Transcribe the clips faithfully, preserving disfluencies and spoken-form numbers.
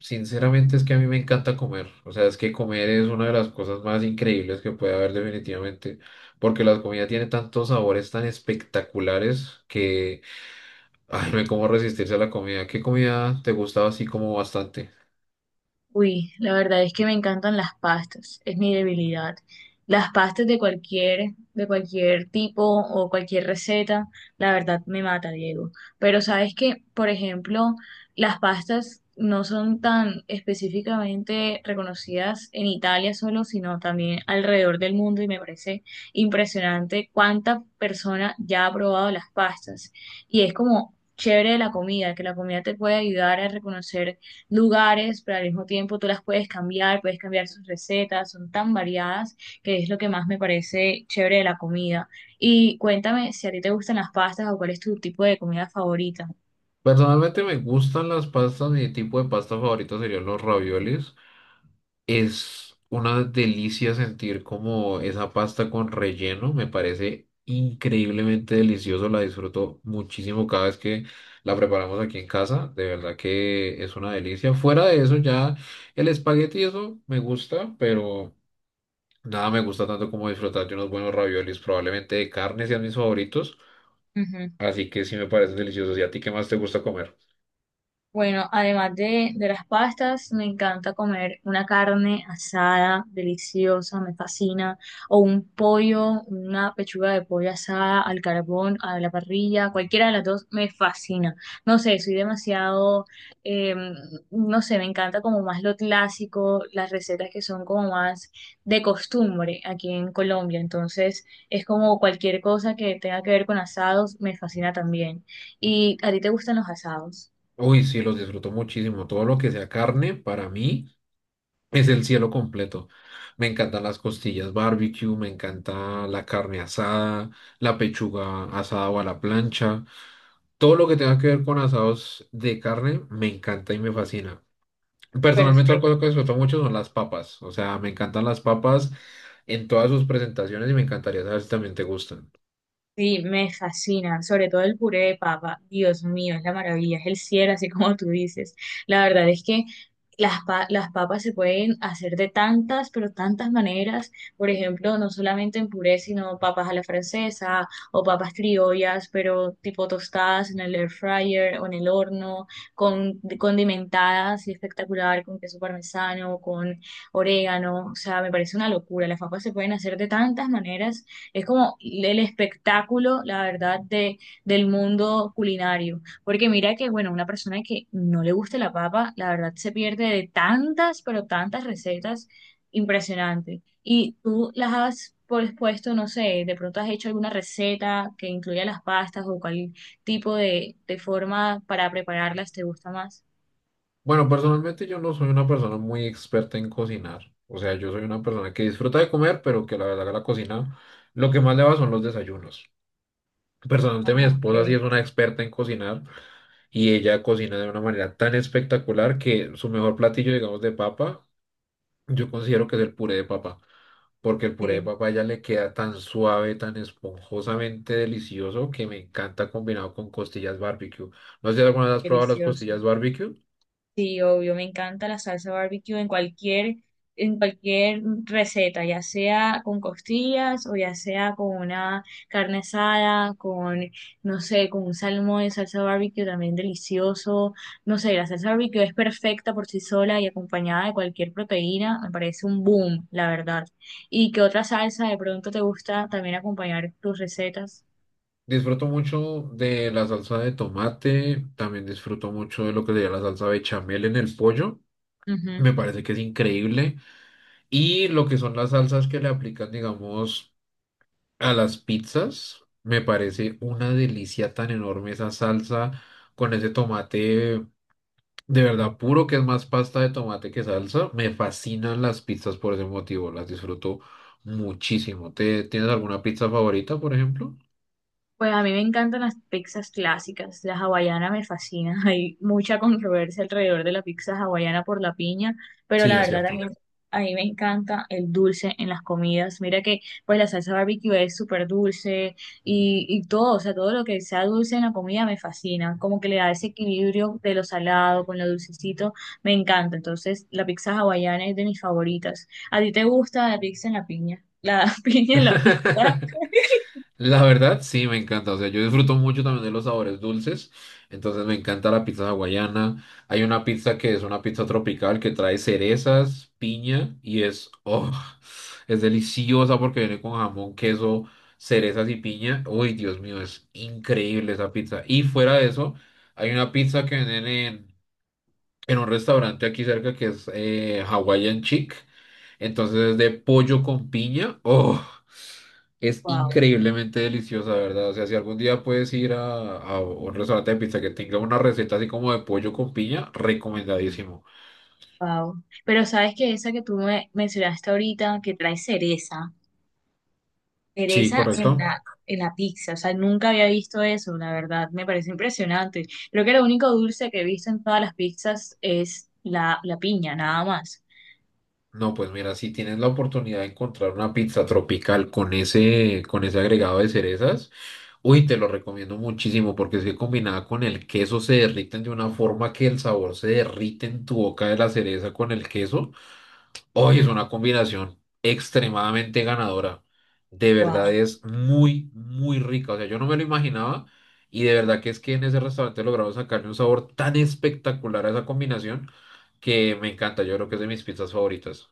Sinceramente es que a mí me encanta comer, o sea, es que comer es una de las cosas más increíbles que puede haber definitivamente, porque la comida tiene tantos sabores tan espectaculares que ay, no hay cómo resistirse a la comida. ¿Qué comida te gustaba así como bastante? Uy, la verdad es que me encantan las pastas, es mi debilidad. Las pastas de cualquier, de cualquier tipo o cualquier receta, la verdad me mata, Diego. Pero sabes que, por ejemplo, las pastas no son tan específicamente reconocidas en Italia solo, sino también alrededor del mundo y me parece impresionante cuánta persona ya ha probado las pastas. Y es como chévere de la comida, que la comida te puede ayudar a reconocer lugares, pero al mismo tiempo tú las puedes cambiar, puedes cambiar sus recetas, son tan variadas que es lo que más me parece chévere de la comida. Y cuéntame si a ti te gustan las pastas o cuál es tu tipo de comida favorita. Personalmente me gustan las pastas, mi tipo de pasta favorito serían los raviolis. Es una delicia sentir como esa pasta con relleno, me parece increíblemente delicioso, la disfruto muchísimo cada vez que la preparamos aquí en casa, de verdad que es una delicia. Fuera de eso ya el espagueti eso me gusta, pero nada me gusta tanto como disfrutar de unos buenos raviolis, probablemente de carne sean mis favoritos, así que sí me parecen deliciosos. ¿Y a ti qué más te gusta comer? Bueno, además de, de las pastas, me encanta comer una carne asada, deliciosa, me fascina, o un pollo, una pechuga de pollo asada al carbón, a la parrilla, cualquiera de las dos me fascina. No sé, soy demasiado, eh, no sé, me encanta como más lo clásico, las recetas que son como más de costumbre aquí en Colombia, entonces es como cualquier cosa que tenga que ver con asados, me fascina también. ¿Y a ti te gustan los asados? Uy, sí, los disfruto muchísimo, todo lo que sea carne para mí. Es el cielo completo. Me encantan las costillas barbecue, me encanta la carne asada, la pechuga asada o a la plancha. Todo lo que tenga que ver con asados de carne me encanta y me fascina. Personalmente, otra Perfecto. cosa que disfruto mucho son las papas. O sea, me encantan las papas en todas sus presentaciones y me encantaría saber si también te gustan. Sí, me fascina, sobre todo el puré de papa. Dios mío, es la maravilla, es el cielo, así como tú dices. La verdad es que las, pa- las papas se pueden hacer de tantas, pero tantas maneras. Por ejemplo, no solamente en puré, sino papas a la francesa o papas criollas, pero tipo tostadas en el air fryer o en el horno, con condimentadas y espectacular, con queso parmesano, con orégano. O sea, me parece una locura. Las papas se pueden hacer de tantas maneras, es como el espectáculo, la verdad, de, del mundo culinario. Porque mira que, bueno, una persona que no le guste la papa, la verdad se pierde de tantas, pero tantas recetas impresionantes. Y tú las has pues, puesto, no sé, de pronto has hecho alguna receta que incluya las pastas o cuál tipo de, de forma para prepararlas te gusta más. Bueno, personalmente yo no soy una persona muy experta en cocinar. O sea, yo soy una persona que disfruta de comer, pero que la verdad que la cocina lo que más le va son los desayunos. Personalmente, mi Ok, esposa sí es una experta en cocinar y ella cocina de una manera tan espectacular que su mejor platillo, digamos, de papa, yo considero que es el puré de papa, porque el puré de sí, papa a ella le queda tan suave, tan esponjosamente delicioso que me encanta combinado con costillas barbecue. No sé si alguna vez has probado las delicioso. costillas barbecue. Sí, obvio, me encanta la salsa barbecue en cualquier, en cualquier receta, ya sea con costillas o ya sea con una carne asada, con, no sé, con un salmón de salsa barbecue también delicioso. No sé, la salsa barbecue es perfecta por sí sola y acompañada de cualquier proteína, me parece un boom, la verdad. ¿Y qué otra salsa de pronto te gusta también acompañar tus recetas? Disfruto mucho de la salsa de tomate, también disfruto mucho de lo que sería la salsa bechamel en el pollo. Me parece que es increíble. Y lo que son las salsas que le aplican, digamos, a las pizzas, me parece una delicia tan enorme esa salsa con ese tomate de verdad puro, que es más pasta de tomate que salsa. Me fascinan las pizzas por ese motivo, las disfruto muchísimo. ¿Te, tienes alguna pizza favorita, por ejemplo? Pues a mí me encantan las pizzas clásicas, la hawaiana me fascina, hay mucha controversia alrededor de la pizza hawaiana por la piña, pero Sí, la es verdad a mí, cierto. a mí me encanta el dulce en las comidas, mira que pues la salsa barbecue es súper dulce y, y todo, o sea, todo lo que sea dulce en la comida me fascina, como que le da ese equilibrio de lo salado con lo dulcecito, me encanta, entonces la pizza hawaiana es de mis favoritas. ¿A ti te gusta la pizza en la piña? La piña en la pizza, La verdad, sí, me encanta. O sea, yo disfruto mucho también de los sabores dulces. Entonces me encanta la pizza hawaiana. Hay una pizza que es una pizza tropical que trae cerezas, piña y es, oh, es deliciosa porque viene con jamón, queso, cerezas y piña. Uy, Dios mío, es increíble esa pizza. Y fuera de eso, hay una pizza que venden en, en un restaurante aquí cerca que es eh, Hawaiian Chic. Entonces es de pollo con piña. Oh. Es wow. increíblemente deliciosa, ¿verdad? O sea, si algún día puedes ir a, a un restaurante de pizza que tenga una receta así como de pollo con piña, recomendadísimo. Wow. Pero sabes que esa que tú me mencionaste ahorita, que trae cereza, Sí, cereza en correcto. la, en la pizza, o sea, nunca había visto eso, la verdad, me parece impresionante. Creo que lo único dulce que he visto en todas las pizzas es la, la piña, nada más. No, pues mira, si tienes la oportunidad de encontrar una pizza tropical con ese, con ese agregado de cerezas, uy, te lo recomiendo muchísimo porque es que combinada con el queso se derriten de una forma que el sabor se derrite en tu boca de la cereza con el queso. Hoy es una combinación extremadamente ganadora. De Wow. verdad es muy, muy rica. O sea, yo no me lo imaginaba y de verdad que es que en ese restaurante lograron sacarle un sabor tan espectacular a esa combinación que me encanta. Yo creo que es de mis pizzas favoritas.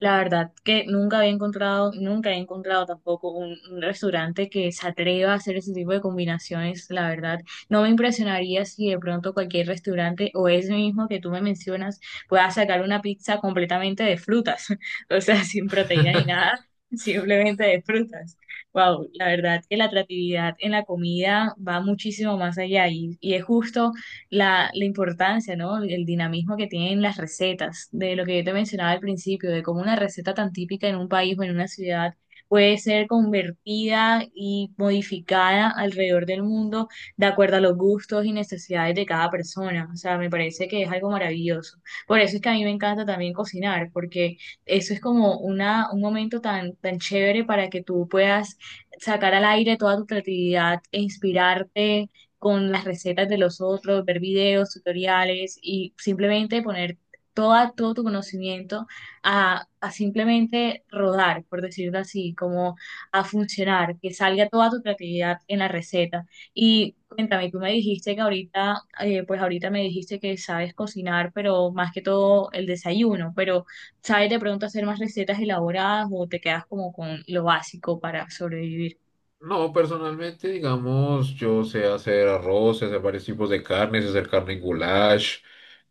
La verdad que nunca había encontrado, nunca he encontrado tampoco un, un restaurante que se atreva a hacer ese tipo de combinaciones, la verdad. No me impresionaría si de pronto cualquier restaurante o ese mismo que tú me mencionas pueda sacar una pizza completamente de frutas, o sea, sin proteína ni nada, simplemente de frutas. Wow, la verdad que la atractividad en la comida va muchísimo más allá y, y es justo la, la importancia, ¿no? El el dinamismo que tienen las recetas, de lo que yo te mencionaba al principio, de cómo una receta tan típica en un país o en una ciudad puede ser convertida y modificada alrededor del mundo de acuerdo a los gustos y necesidades de cada persona. O sea, me parece que es algo maravilloso. Por eso es que a mí me encanta también cocinar, porque eso es como una, un momento tan, tan chévere para que tú puedas sacar al aire toda tu creatividad e inspirarte con las recetas de los otros, ver videos, tutoriales y simplemente poner toda, todo tu conocimiento a, a simplemente rodar, por decirlo así, como a funcionar, que salga toda tu creatividad en la receta. Y cuéntame, tú me dijiste que ahorita, eh, pues ahorita me dijiste que sabes cocinar, pero más que todo el desayuno, pero ¿sabes de pronto hacer más recetas elaboradas o te quedas como con lo básico para sobrevivir? No, personalmente, digamos, yo sé hacer arroz, sé hacer varios tipos de carnes, sé hacer carne en goulash,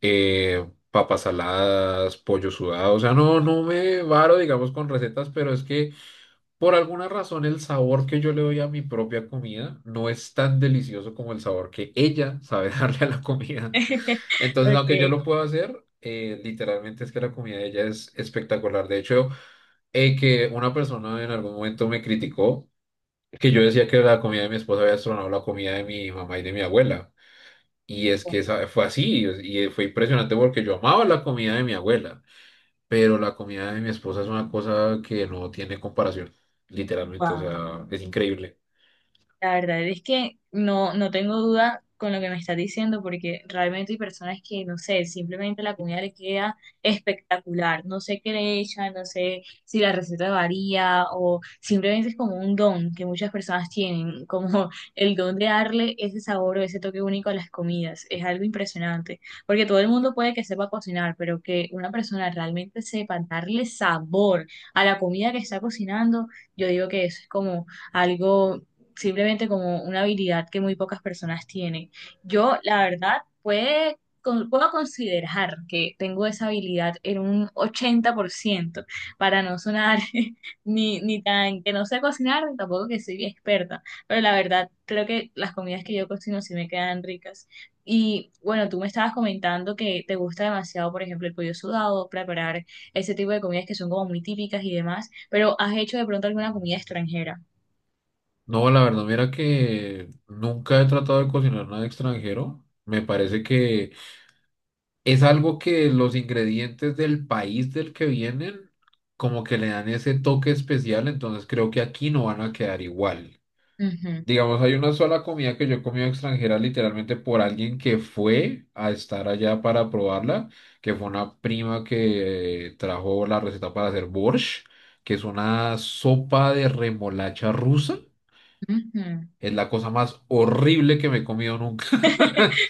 eh, papas saladas, pollo sudado. O sea, no, no me varo, digamos, con recetas, pero es que por alguna razón, el sabor que yo le doy a mi propia comida no es tan delicioso como el sabor que ella sabe darle a la comida. Entonces, Ok, aunque yo lo puedo hacer, eh, literalmente es que la comida de ella es espectacular. De hecho, eh, que una persona en algún momento me criticó que yo decía que la comida de mi esposa había destronado la comida de mi mamá y de mi abuela. Y es que esa- fue así, y y fue impresionante porque yo amaba la comida de mi abuela pero la comida de mi esposa es una cosa que no tiene comparación, literalmente, o wow. sea, es increíble. La verdad es que no, no tengo duda con lo que me estás diciendo, porque realmente hay personas que, no sé, simplemente la comida le queda espectacular. No sé qué le echan, no sé si la receta varía o simplemente es como un don que muchas personas tienen, como el don de darle ese sabor o ese toque único a las comidas. Es algo impresionante, porque todo el mundo puede que sepa cocinar, pero que una persona realmente sepa darle sabor a la comida que está cocinando, yo digo que eso es como algo simplemente como una habilidad que muy pocas personas tienen. Yo, la verdad, puede, con- puedo considerar que tengo esa habilidad en un ochenta por ciento para no sonar ni, ni tan que no sé cocinar, ni tampoco que soy experta, pero la verdad, creo que las comidas que yo cocino sí me quedan ricas. Y bueno, tú me estabas comentando que te gusta demasiado, por ejemplo, el pollo sudado, preparar ese tipo de comidas que son como muy típicas y demás, pero ¿has hecho de pronto alguna comida extranjera? No, la verdad, mira que nunca he tratado de cocinar nada extranjero. Me parece que es algo que los ingredientes del país del que vienen como que le dan ese toque especial, entonces creo que aquí no van a quedar igual. Digamos, hay una sola comida que yo he comido extranjera literalmente por alguien que fue a estar allá para probarla, que fue una prima que eh, trajo la receta para hacer borsch, que es una sopa de remolacha rusa. Ujú. Es la cosa más horrible que me he comido nunca.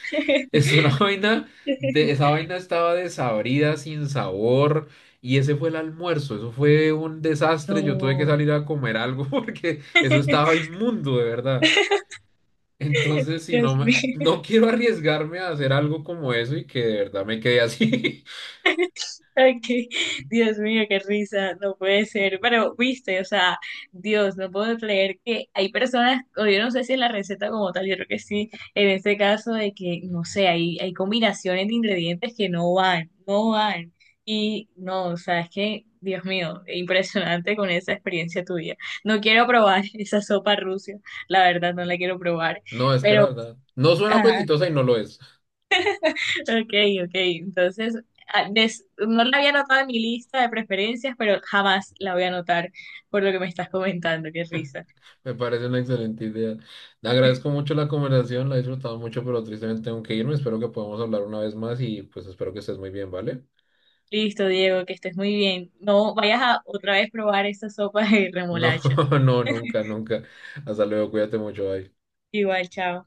Es una vaina de, esa vaina estaba desabrida, sin sabor, y ese fue el almuerzo. Eso fue un desastre. Yo tuve que No, salir a comer algo porque eso estaba inmundo, de verdad. Entonces, si Dios no me- mío, no quiero arriesgarme a hacer algo como eso y que de verdad me quede así. ok, Dios mío, qué risa, no puede ser, pero viste, o sea, Dios, no puedo creer que hay personas, o yo no sé si en la receta como tal, yo creo que sí, en este caso de que, no sé, hay, hay combinaciones de ingredientes que no van, no van, y no, o sea, es que, Dios mío, impresionante con esa experiencia tuya, no quiero probar esa sopa rusa, la verdad no la quiero probar, No, es que pero... la verdad, no suena ajá. apetitosa y no lo es. Ok, ok. Entonces, a- des- no la había anotado en mi lista de preferencias, pero jamás la voy a anotar por lo que me estás comentando. Qué risa. Me parece una excelente idea. Le agradezco mucho la conversación, la he disfrutado mucho, pero tristemente tengo que irme. Espero que podamos hablar una vez más y pues espero que estés muy bien, ¿vale? Listo, Diego, que estés muy bien. No vayas a otra vez probar esa sopa de No, remolacha. no, nunca, nunca. Hasta luego, cuídate mucho, bye. Igual, chao.